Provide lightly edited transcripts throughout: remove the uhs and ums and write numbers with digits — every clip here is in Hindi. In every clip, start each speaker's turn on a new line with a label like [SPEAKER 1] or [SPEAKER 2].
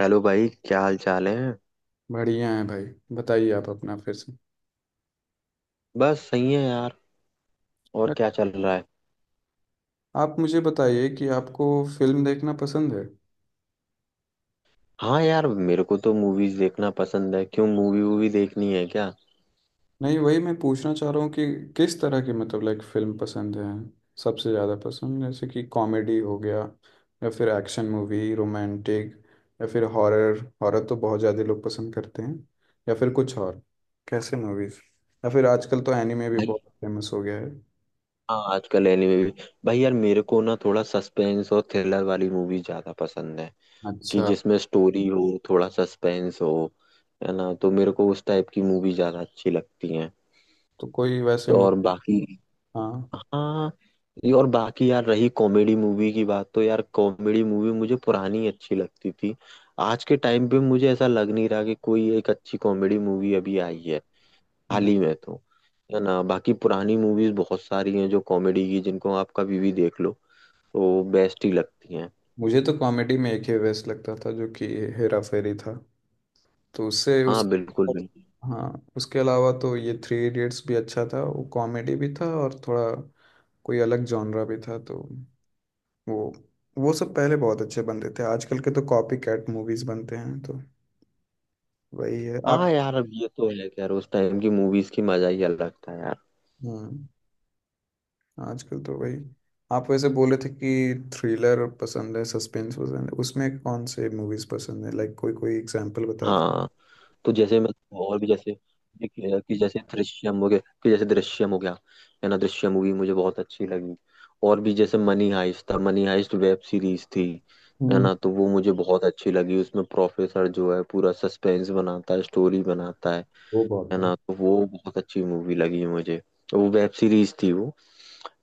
[SPEAKER 1] हेलो भाई, क्या हाल चाल है।
[SPEAKER 2] बढ़िया है भाई। बताइए आप अपना फिर से।
[SPEAKER 1] बस सही है यार। और
[SPEAKER 2] बट
[SPEAKER 1] क्या चल रहा है।
[SPEAKER 2] आप मुझे बताइए कि आपको फिल्म देखना पसंद है?
[SPEAKER 1] हाँ यार, मेरे को तो मूवीज देखना पसंद है। क्यों, मूवी वूवी देखनी है क्या
[SPEAKER 2] नहीं, वही मैं पूछना चाह रहा हूँ कि किस तरह की मतलब लाइक फिल्म पसंद है सबसे ज़्यादा? पसंद जैसे कि कॉमेडी हो गया, या फिर एक्शन मूवी, रोमांटिक, या फिर हॉरर। हॉरर तो बहुत ज़्यादा लोग पसंद करते हैं, या फिर कुछ और? कैसे मूवीज़? या फिर आजकल तो एनिमे भी
[SPEAKER 1] भाई।
[SPEAKER 2] बहुत फेमस हो गया है।
[SPEAKER 1] हाँ, आजकल एनिमे भी। भाई यार, मेरे को ना थोड़ा सस्पेंस और थ्रिलर वाली मूवी ज्यादा पसंद है। कि
[SPEAKER 2] अच्छा,
[SPEAKER 1] जिसमें स्टोरी हो, थोड़ा सस्पेंस हो। है ना, तो मेरे को उस टाइप की मूवी ज्यादा अच्छी लगती है।
[SPEAKER 2] तो कोई वैसे
[SPEAKER 1] तो
[SPEAKER 2] मूवी?
[SPEAKER 1] और बाकी।
[SPEAKER 2] हाँ।
[SPEAKER 1] हाँ, ये और बाकी यार, रही कॉमेडी मूवी की बात, तो यार कॉमेडी मूवी मुझे पुरानी अच्छी लगती थी। आज के टाइम पे मुझे ऐसा लग नहीं रहा कि कोई एक अच्छी कॉमेडी मूवी अभी आई है हाल ही में तो। है ना, बाकी पुरानी मूवीज बहुत सारी हैं जो कॉमेडी की, जिनको आप कभी भी देख लो तो बेस्ट ही लगती हैं।
[SPEAKER 2] मुझे तो कॉमेडी में एक ही बेस्ट लगता था, जो कि हेरा फेरी था। तो उससे
[SPEAKER 1] हाँ
[SPEAKER 2] उस
[SPEAKER 1] बिल्कुल, बिल्कुल।
[SPEAKER 2] हाँ। उसके अलावा तो ये थ्री इडियट्स भी अच्छा था, वो कॉमेडी भी था और थोड़ा कोई अलग जॉनरा भी था। वो वो सब पहले बहुत अच्छे बनते थे, आजकल के तो कॉपी कैट मूवीज बनते हैं, तो वही है आप।
[SPEAKER 1] हाँ यार, अब ये तो है कि यार उस टाइम की मूवीज की मजा ही अलग था यार।
[SPEAKER 2] हम्म आजकल तो वही। आप वैसे बोले थे कि थ्रिलर पसंद है, सस्पेंस पसंद है, उसमें कौन से मूवीज पसंद है? लाइक कोई कोई एग्जांपल बता दो।
[SPEAKER 1] हाँ, तो जैसे मैं, और भी जैसे, देखिए कि जैसे दृश्यम हो गया, कि जैसे दृश्यम हो गया। है ना, दृश्यम मूवी मुझे बहुत अच्छी लगी। और भी जैसे मनी हाइस्ट था, मनी हाइस्ट वेब सीरीज थी। है
[SPEAKER 2] हम्म।
[SPEAKER 1] ना, तो वो मुझे बहुत अच्छी लगी, उसमें प्रोफेसर जो है पूरा सस्पेंस बनाता है, स्टोरी बनाता है।
[SPEAKER 2] वो बहुत
[SPEAKER 1] है
[SPEAKER 2] है।
[SPEAKER 1] ना, तो वो बहुत अच्छी मूवी लगी मुझे। वो वेब सीरीज थी वो।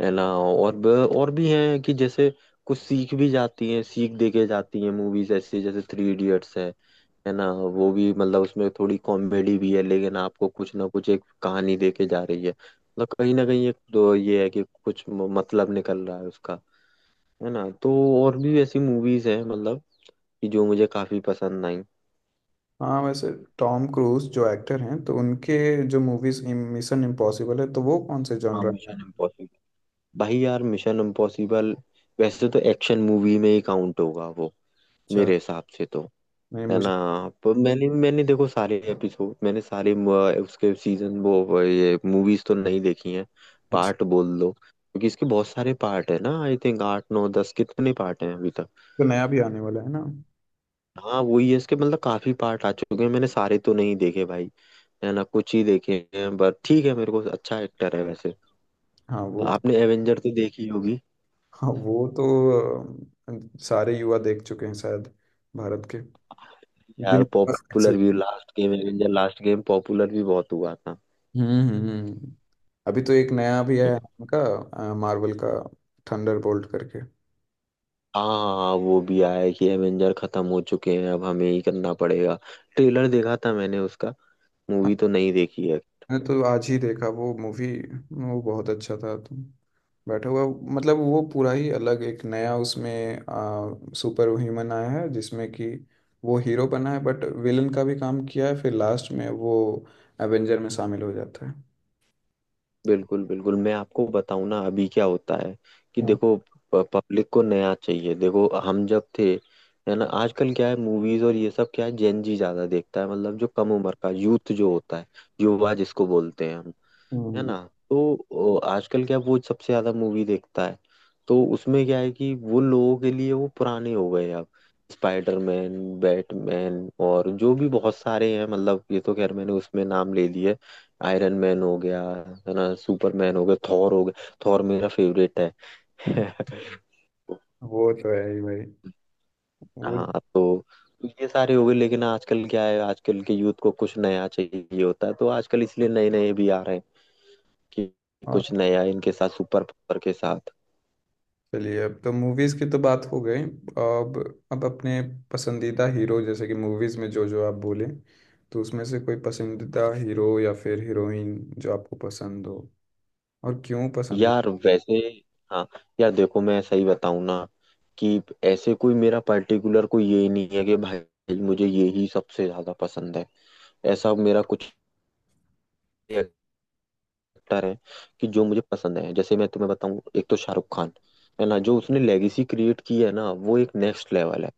[SPEAKER 1] है ना, और और भी हैं कि जैसे कुछ सीख भी जाती हैं, सीख देके जाती हैं मूवीज, ऐसे जैसे थ्री इडियट्स है। है ना, वो भी मतलब उसमें थोड़ी कॉमेडी भी है, लेकिन आपको कुछ ना कुछ एक कहानी देके जा रही है, मतलब कहीं ना कहीं एक तो ये है कि कुछ मतलब निकल रहा है उसका। है ना, तो और भी ऐसी मूवीज हैं मतलब, कि जो मुझे काफी पसंद आई।
[SPEAKER 2] हाँ वैसे टॉम क्रूज जो एक्टर हैं, तो उनके जो मूवीज मिशन इम्पॉसिबल है, तो वो कौन से
[SPEAKER 1] हाँ,
[SPEAKER 2] जॉनर में है?
[SPEAKER 1] Mission Impossible. भाई यार, मिशन इम्पॉसिबल वैसे तो एक्शन मूवी में ही काउंट होगा वो,
[SPEAKER 2] अच्छा।
[SPEAKER 1] मेरे हिसाब से तो।
[SPEAKER 2] नहीं,
[SPEAKER 1] है
[SPEAKER 2] मुझे।
[SPEAKER 1] ना, पर मैंने मैंने देखो सारे एपिसोड, मैंने सारे उसके सीजन, वो ये मूवीज तो नहीं देखी हैं।
[SPEAKER 2] अच्छा,
[SPEAKER 1] पार्ट बोल दो, क्योंकि इसके बहुत सारे पार्ट है ना, आई थिंक आठ नौ दस कितने पार्ट हैं अभी तक।
[SPEAKER 2] तो नया भी आने वाला है ना?
[SPEAKER 1] हाँ वही है, इसके मतलब काफी पार्ट आ चुके हैं, मैंने सारे तो नहीं देखे भाई। है ना, कुछ ही देखे हैं, बट ठीक है, मेरे को अच्छा एक्टर है वैसे।
[SPEAKER 2] हाँ वो तो।
[SPEAKER 1] आपने एवेंजर तो देखी होगी।
[SPEAKER 2] हाँ वो तो सारे युवा देख चुके हैं शायद, भारत के,
[SPEAKER 1] यार,
[SPEAKER 2] जिनके पास access-।
[SPEAKER 1] पॉपुलर भी last game, Avenger last game popular भी बहुत हुआ था।
[SPEAKER 2] हम्म, हम्म, अभी तो एक नया भी है उनका, मार्वल का, थंडरबोल्ट करके।
[SPEAKER 1] हाँ, वो भी आया है कि एवेंजर खत्म हो चुके हैं अब हमें ही करना पड़ेगा। ट्रेलर देखा था मैंने उसका, मूवी तो नहीं देखी है।
[SPEAKER 2] मैं तो आज ही देखा वो मूवी। वो बहुत अच्छा था। तो बैठा हुआ, मतलब वो पूरा ही अलग एक नया उसमें सुपर ह्यूमन आया है, जिसमें कि वो हीरो बना है, बट विलन का भी काम किया है, फिर लास्ट में वो एवेंजर में शामिल हो जाता है।
[SPEAKER 1] बिल्कुल बिल्कुल, मैं आपको बताऊं ना अभी क्या होता है, कि
[SPEAKER 2] हाँ।
[SPEAKER 1] देखो पब्लिक को नया चाहिए। देखो हम जब थे, है ना, आजकल क्या है मूवीज और ये सब, क्या है जेन जी ज्यादा देखता है, मतलब जो कम उम्र का यूथ जो होता है, युवा जिसको बोलते हैं हम। है
[SPEAKER 2] हम्म।
[SPEAKER 1] ना, तो आजकल क्या, वो सबसे ज्यादा मूवी देखता है। तो उसमें क्या है कि वो लोगों के लिए वो पुराने हो गए अब, स्पाइडरमैन, बैटमैन और जो भी बहुत सारे हैं, मतलब ये तो खैर मैंने उसमें नाम ले लिए। आयरन मैन हो गया, है ना, सुपरमैन हो गया, थॉर हो गया, थॉर मेरा फेवरेट है।
[SPEAKER 2] वो तो है ही भाई। वो
[SPEAKER 1] हाँ, तो ये सारे हो गए, लेकिन आजकल क्या है, आजकल के यूथ को कुछ नया चाहिए होता है, तो आजकल इसलिए नए नए भी आ रहे हैं, कि कुछ नया इनके साथ, सुपर पावर के साथ।
[SPEAKER 2] चलिए, अब तो मूवीज की तो बात हो गई। अब अपने पसंदीदा हीरो, जैसे कि मूवीज में जो जो आप बोले, तो उसमें से कोई पसंदीदा हीरो या फिर हीरोइन जो आपको पसंद हो? और क्यों पसंद है?
[SPEAKER 1] यार वैसे, हाँ यार देखो, मैं सही बताऊं ना, कि ऐसे कोई मेरा पर्टिकुलर कोई ये नहीं है कि भाई मुझे ये ही सबसे ज्यादा पसंद है। ऐसा मेरा कुछ एक्टर है कि जो मुझे पसंद है, जैसे मैं तुम्हें बताऊं, एक तो शाहरुख खान। है ना, जो उसने लेगेसी क्रिएट की है ना, वो एक नेक्स्ट लेवल है।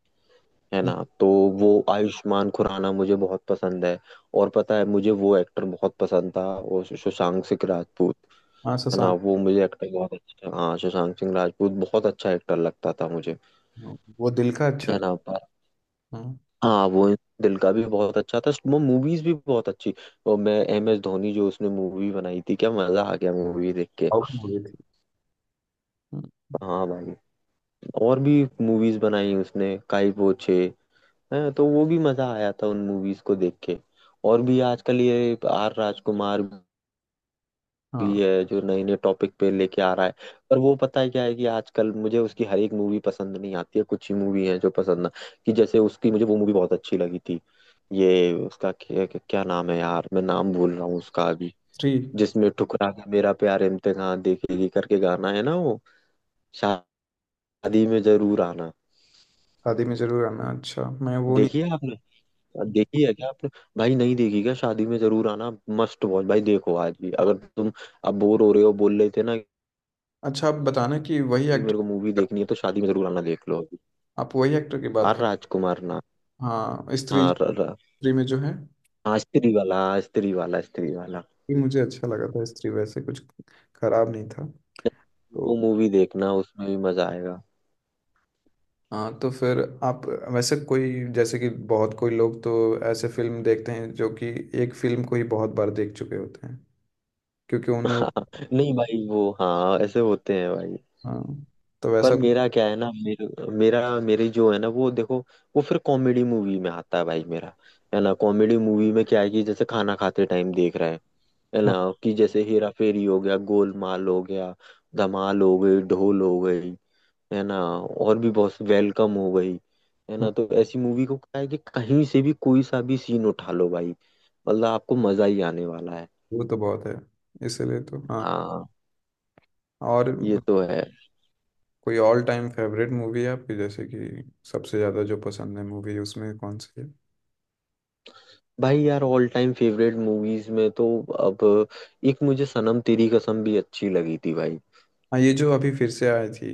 [SPEAKER 1] है ना, तो वो आयुष्मान खुराना मुझे बहुत पसंद है। और पता है, मुझे वो एक्टर बहुत पसंद था, वो शशांक सिंह राजपूत।
[SPEAKER 2] हाँ
[SPEAKER 1] है ना,
[SPEAKER 2] शशांक।
[SPEAKER 1] वो मुझे एक्टर बहुत अच्छा। हाँ, सुशांत सिंह राजपूत बहुत अच्छा एक्टर लगता था मुझे।
[SPEAKER 2] हाँ, वो दिल का अच्छा
[SPEAKER 1] है
[SPEAKER 2] था।
[SPEAKER 1] ना, पर
[SPEAKER 2] हाँ।
[SPEAKER 1] हाँ, वो दिल का भी बहुत अच्छा था, वो मूवीज भी बहुत अच्छी। और मैं, MS धोनी जो उसने मूवी बनाई थी, क्या मजा आ गया मूवी देख के।
[SPEAKER 2] साउथ मूवी थी। हम्म।
[SPEAKER 1] हाँ भाई, और भी मूवीज बनाई उसने, काई पोछे है, तो वो भी मजा आया था उन मूवीज को देख के। और भी आजकल ये आर राजकुमार भी
[SPEAKER 2] हाँ
[SPEAKER 1] है, जो नए नए टॉपिक पे लेके आ रहा है। पर वो पता है क्या है, कि आजकल मुझे उसकी हर एक मूवी पसंद नहीं आती है, कुछ ही मूवी है जो पसंद ना, कि जैसे उसकी मुझे वो मूवी बहुत अच्छी लगी थी। ये उसका क्या नाम है यार, मैं नाम भूल रहा हूँ उसका अभी।
[SPEAKER 2] थ्री।
[SPEAKER 1] जिसमें ठुकरा के मेरा प्यार इम्तिहान देखेगी करके गाना है ना वो, शादी में जरूर आना।
[SPEAKER 2] शादी में जरूर आना? अच्छा, मैं वो नहीं।
[SPEAKER 1] देखिए, आपने देखी है क्या आपने। भाई, नहीं देखी क्या शादी में जरूर आना, मस्ट वॉच भाई। देखो आज भी अगर तुम अब बोर हो रहे हो, बोल रहे थे ना
[SPEAKER 2] अच्छा, आप बताना कि वही
[SPEAKER 1] भाई मेरे को मूवी
[SPEAKER 2] एक्टर।
[SPEAKER 1] देखनी है, तो शादी में जरूर आना देख लो अभी।
[SPEAKER 2] आप वही एक्टर की बात
[SPEAKER 1] आर
[SPEAKER 2] कर।
[SPEAKER 1] राजकुमार ना,
[SPEAKER 2] हाँ, स्त्री।
[SPEAKER 1] हाँ, र, र,
[SPEAKER 2] स्त्री में जो है,
[SPEAKER 1] हाँ स्त्री वाला। हाँ, स्त्री वाला, स्त्री वाला।
[SPEAKER 2] ये मुझे अच्छा लगा था। स्त्री वैसे कुछ खराब नहीं था तो।
[SPEAKER 1] वो मूवी देखना, उसमें भी मजा आएगा।
[SPEAKER 2] हाँ, तो फिर आप वैसे, कोई, जैसे कि बहुत कोई लोग तो ऐसे फिल्म देखते हैं जो कि एक फिल्म को ही बहुत बार देख चुके होते हैं, क्योंकि उन्हें वो-।
[SPEAKER 1] नहीं भाई वो, हाँ ऐसे होते हैं भाई।
[SPEAKER 2] हाँ, तो
[SPEAKER 1] पर
[SPEAKER 2] वैसा।
[SPEAKER 1] मेरा क्या है ना, मेरे, मेरा मेरी जो है ना, वो देखो, वो फिर कॉमेडी मूवी में आता है भाई मेरा। है ना, कॉमेडी मूवी में क्या है, कि जैसे खाना खाते टाइम देख रहे हैं। है ना,
[SPEAKER 2] हाँ।
[SPEAKER 1] कि जैसे हेरा फेरी हो गया, गोलमाल हो गया, धमाल हो गई, ढोल हो गई। है ना, और भी बहुत, वेलकम हो गई। है
[SPEAKER 2] हाँ,
[SPEAKER 1] ना, तो ऐसी मूवी को क्या है कि कहीं से भी कोई सा भी सीन उठा लो भाई, मतलब आपको मजा ही आने वाला है।
[SPEAKER 2] वो तो बहुत है। इसलिए तो हाँ।
[SPEAKER 1] हाँ,
[SPEAKER 2] और
[SPEAKER 1] ये तो है।
[SPEAKER 2] कोई ऑल टाइम फेवरेट मूवी है आपकी, जैसे कि सबसे ज़्यादा जो पसंद है मूवी, उसमें कौन सी है?
[SPEAKER 1] भाई यार, ऑल टाइम फेवरेट मूवीज में तो, अब एक मुझे सनम तेरी कसम भी अच्छी लगी थी भाई।
[SPEAKER 2] हाँ, ये जो अभी फिर से आई थी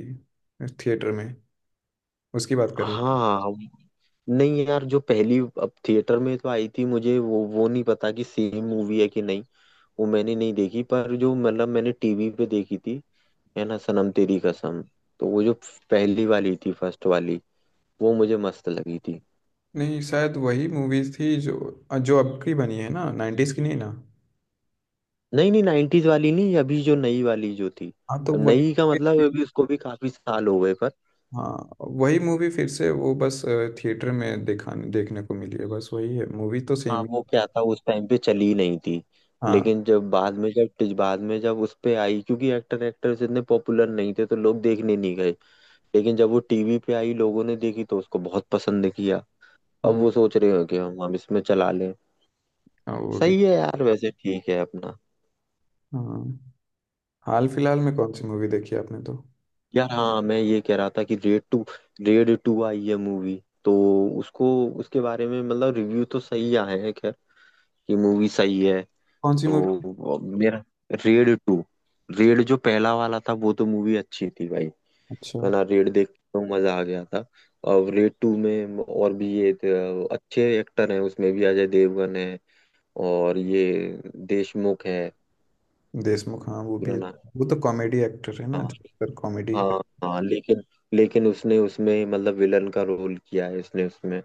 [SPEAKER 2] थिएटर में, उसकी बात कर रहे हैं?
[SPEAKER 1] हाँ, नहीं यार, जो पहली, अब थिएटर में तो आई थी, मुझे वो नहीं पता कि सेम मूवी है कि नहीं। वो मैंने नहीं देखी, पर जो मतलब मैंने टीवी पे देखी थी, है ना, सनम तेरी कसम। तो वो जो पहली वाली थी, फर्स्ट वाली, वो मुझे मस्त लगी थी।
[SPEAKER 2] नहीं, शायद वही मूवी थी जो जो अब की बनी है ना? नाइन्टीज की नहीं ना?
[SPEAKER 1] नहीं नहीं, नाइन्टीज वाली नहीं, अभी जो नई वाली जो थी।
[SPEAKER 2] हाँ तो
[SPEAKER 1] अब
[SPEAKER 2] वही।
[SPEAKER 1] नई का मतलब अभी उसको भी काफी साल हो गए पर।
[SPEAKER 2] हाँ, वही मूवी फिर से वो बस थिएटर में दिखाने देखने को मिली है, बस वही है। मूवी तो सेम
[SPEAKER 1] हाँ,
[SPEAKER 2] ही।
[SPEAKER 1] वो क्या था, उस टाइम पे चली नहीं थी।
[SPEAKER 2] हाँ।
[SPEAKER 1] लेकिन जब बाद में, जब बाद में, जब उस पे आई, क्योंकि एक्टर एक्ट्रेस इतने पॉपुलर नहीं थे, तो लोग देखने नहीं गए। लेकिन जब वो टीवी पे आई, लोगों ने देखी तो उसको बहुत पसंद किया। अब
[SPEAKER 2] हम्म।
[SPEAKER 1] वो सोच रहे हो कि हम इसमें चला लें।
[SPEAKER 2] हाँ वो भी।
[SPEAKER 1] सही है यार, वैसे ठीक है अपना।
[SPEAKER 2] हाँ। हाल फिलहाल में कौन सी मूवी देखी आपने तो?
[SPEAKER 1] यार हाँ, मैं ये कह रहा था कि रेड टू, रेड टू आई है मूवी। तो उसको, उसके बारे में मतलब रिव्यू तो सही आए हैं, खैर कि मूवी सही है।
[SPEAKER 2] कौन सी मूवी?
[SPEAKER 1] तो मेरा, रेड टू, रेड जो पहला वाला था, वो तो मूवी अच्छी थी भाई।
[SPEAKER 2] अच्छा।
[SPEAKER 1] है ना, रेड देख के तो मजा आ गया था। अब रेड टू में और भी ये अच्छे एक्टर हैं, उसमें भी अजय देवगन है, और ये देशमुख है
[SPEAKER 2] देशमुख? हाँ, वो भी।
[SPEAKER 1] पुराना।
[SPEAKER 2] वो तो कॉमेडी एक्टर है ना,
[SPEAKER 1] हाँ
[SPEAKER 2] जो कॉमेडी।
[SPEAKER 1] हाँ हाँ, लेकिन लेकिन उसने उसमें मतलब विलन का रोल किया है उसने उसमें।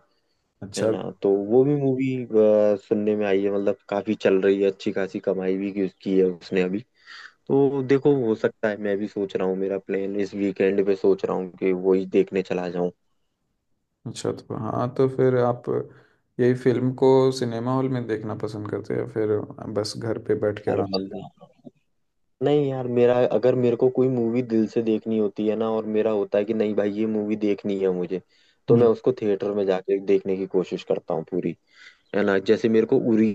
[SPEAKER 1] है
[SPEAKER 2] अच्छा।
[SPEAKER 1] ना, तो वो भी मूवी सुनने में आई है, मतलब काफी चल रही है, अच्छी खासी कमाई भी की है उसने अभी। तो देखो, हो सकता है मैं भी सोच रहा हूँ, मेरा प्लान इस वीकेंड पे सोच रहा हूँ कि वही देखने चला जाऊं।
[SPEAKER 2] अच्छा, तो हाँ, तो फिर आप यही फिल्म को सिनेमा हॉल में देखना पसंद करते हैं, या फिर बस घर पे बैठ के
[SPEAKER 1] हर
[SPEAKER 2] आराम?
[SPEAKER 1] बंदा, नहीं यार, मेरा अगर, मेरे को कोई मूवी दिल से देखनी होती है ना, और मेरा होता है कि नहीं भाई ये मूवी देखनी है मुझे, तो मैं
[SPEAKER 2] हम्म।
[SPEAKER 1] उसको थिएटर में जाके देखने की कोशिश करता हूँ पूरी। है ना, जैसे मेरे को उरी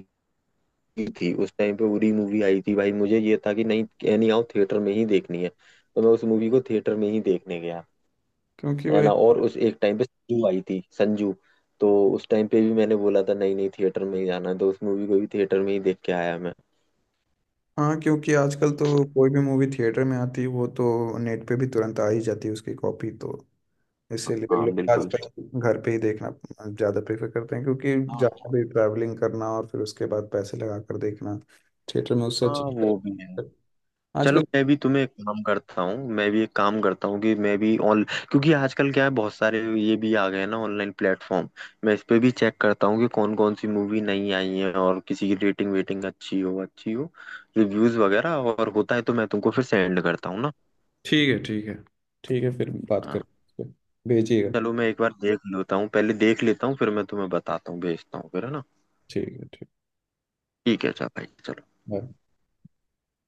[SPEAKER 1] की थी, उस टाइम पे उरी मूवी आई थी भाई, मुझे ये था कि नहीं एनी हाउ थिएटर में ही देखनी है, तो मैं उस मूवी को थिएटर में ही देखने गया।
[SPEAKER 2] क्योंकि
[SPEAKER 1] है
[SPEAKER 2] वही।
[SPEAKER 1] ना, और उस एक टाइम पे संजू आई थी, संजू, तो उस टाइम पे भी मैंने बोला था नहीं नहीं थिएटर में ही जाना है, तो उस मूवी को भी थिएटर में ही देख के आया मैं।
[SPEAKER 2] हाँ, क्योंकि आजकल तो कोई भी मूवी थिएटर में आती है, वो तो नेट पे भी तुरंत आ ही जाती है उसकी कॉपी तो। इसीलिए
[SPEAKER 1] हाँ
[SPEAKER 2] लोग
[SPEAKER 1] बिल्कुल।
[SPEAKER 2] आजकल घर पे ही देखना ज़्यादा प्रेफर करते हैं, क्योंकि
[SPEAKER 1] हाँ
[SPEAKER 2] ज़्यादा
[SPEAKER 1] हाँ।
[SPEAKER 2] भी ट्रैवलिंग करना और फिर उसके बाद पैसे लगा कर देखना थिएटर में, उससे
[SPEAKER 1] हाँ,
[SPEAKER 2] अच्छी
[SPEAKER 1] वो भी है। चलो,
[SPEAKER 2] आजकल।
[SPEAKER 1] मैं भी तुम्हें एक काम करता हूँ, मैं भी एक काम करता हूँ कि मैं भी ऑन, क्योंकि आजकल क्या है बहुत सारे ये भी आ गए हैं ना ऑनलाइन प्लेटफॉर्म। मैं इस पे भी चेक करता हूँ कि कौन कौन सी मूवी नई आई है, और किसी की रेटिंग वेटिंग अच्छी हो, अच्छी हो, रिव्यूज वगैरह और होता है, तो मैं तुमको फिर सेंड करता हूँ ना।
[SPEAKER 2] ठीक है। ठीक है, ठीक है, फिर बात
[SPEAKER 1] हाँ,
[SPEAKER 2] करें। भेजिएगा।
[SPEAKER 1] चलो मैं एक बार देख लेता हूँ, पहले देख लेता हूँ, फिर मैं तुम्हें बताता हूँ, भेजता हूँ फिर, है ना।
[SPEAKER 2] ठीक है। ठीक।
[SPEAKER 1] ठीक है, अच्छा भाई चलो।
[SPEAKER 2] बाय।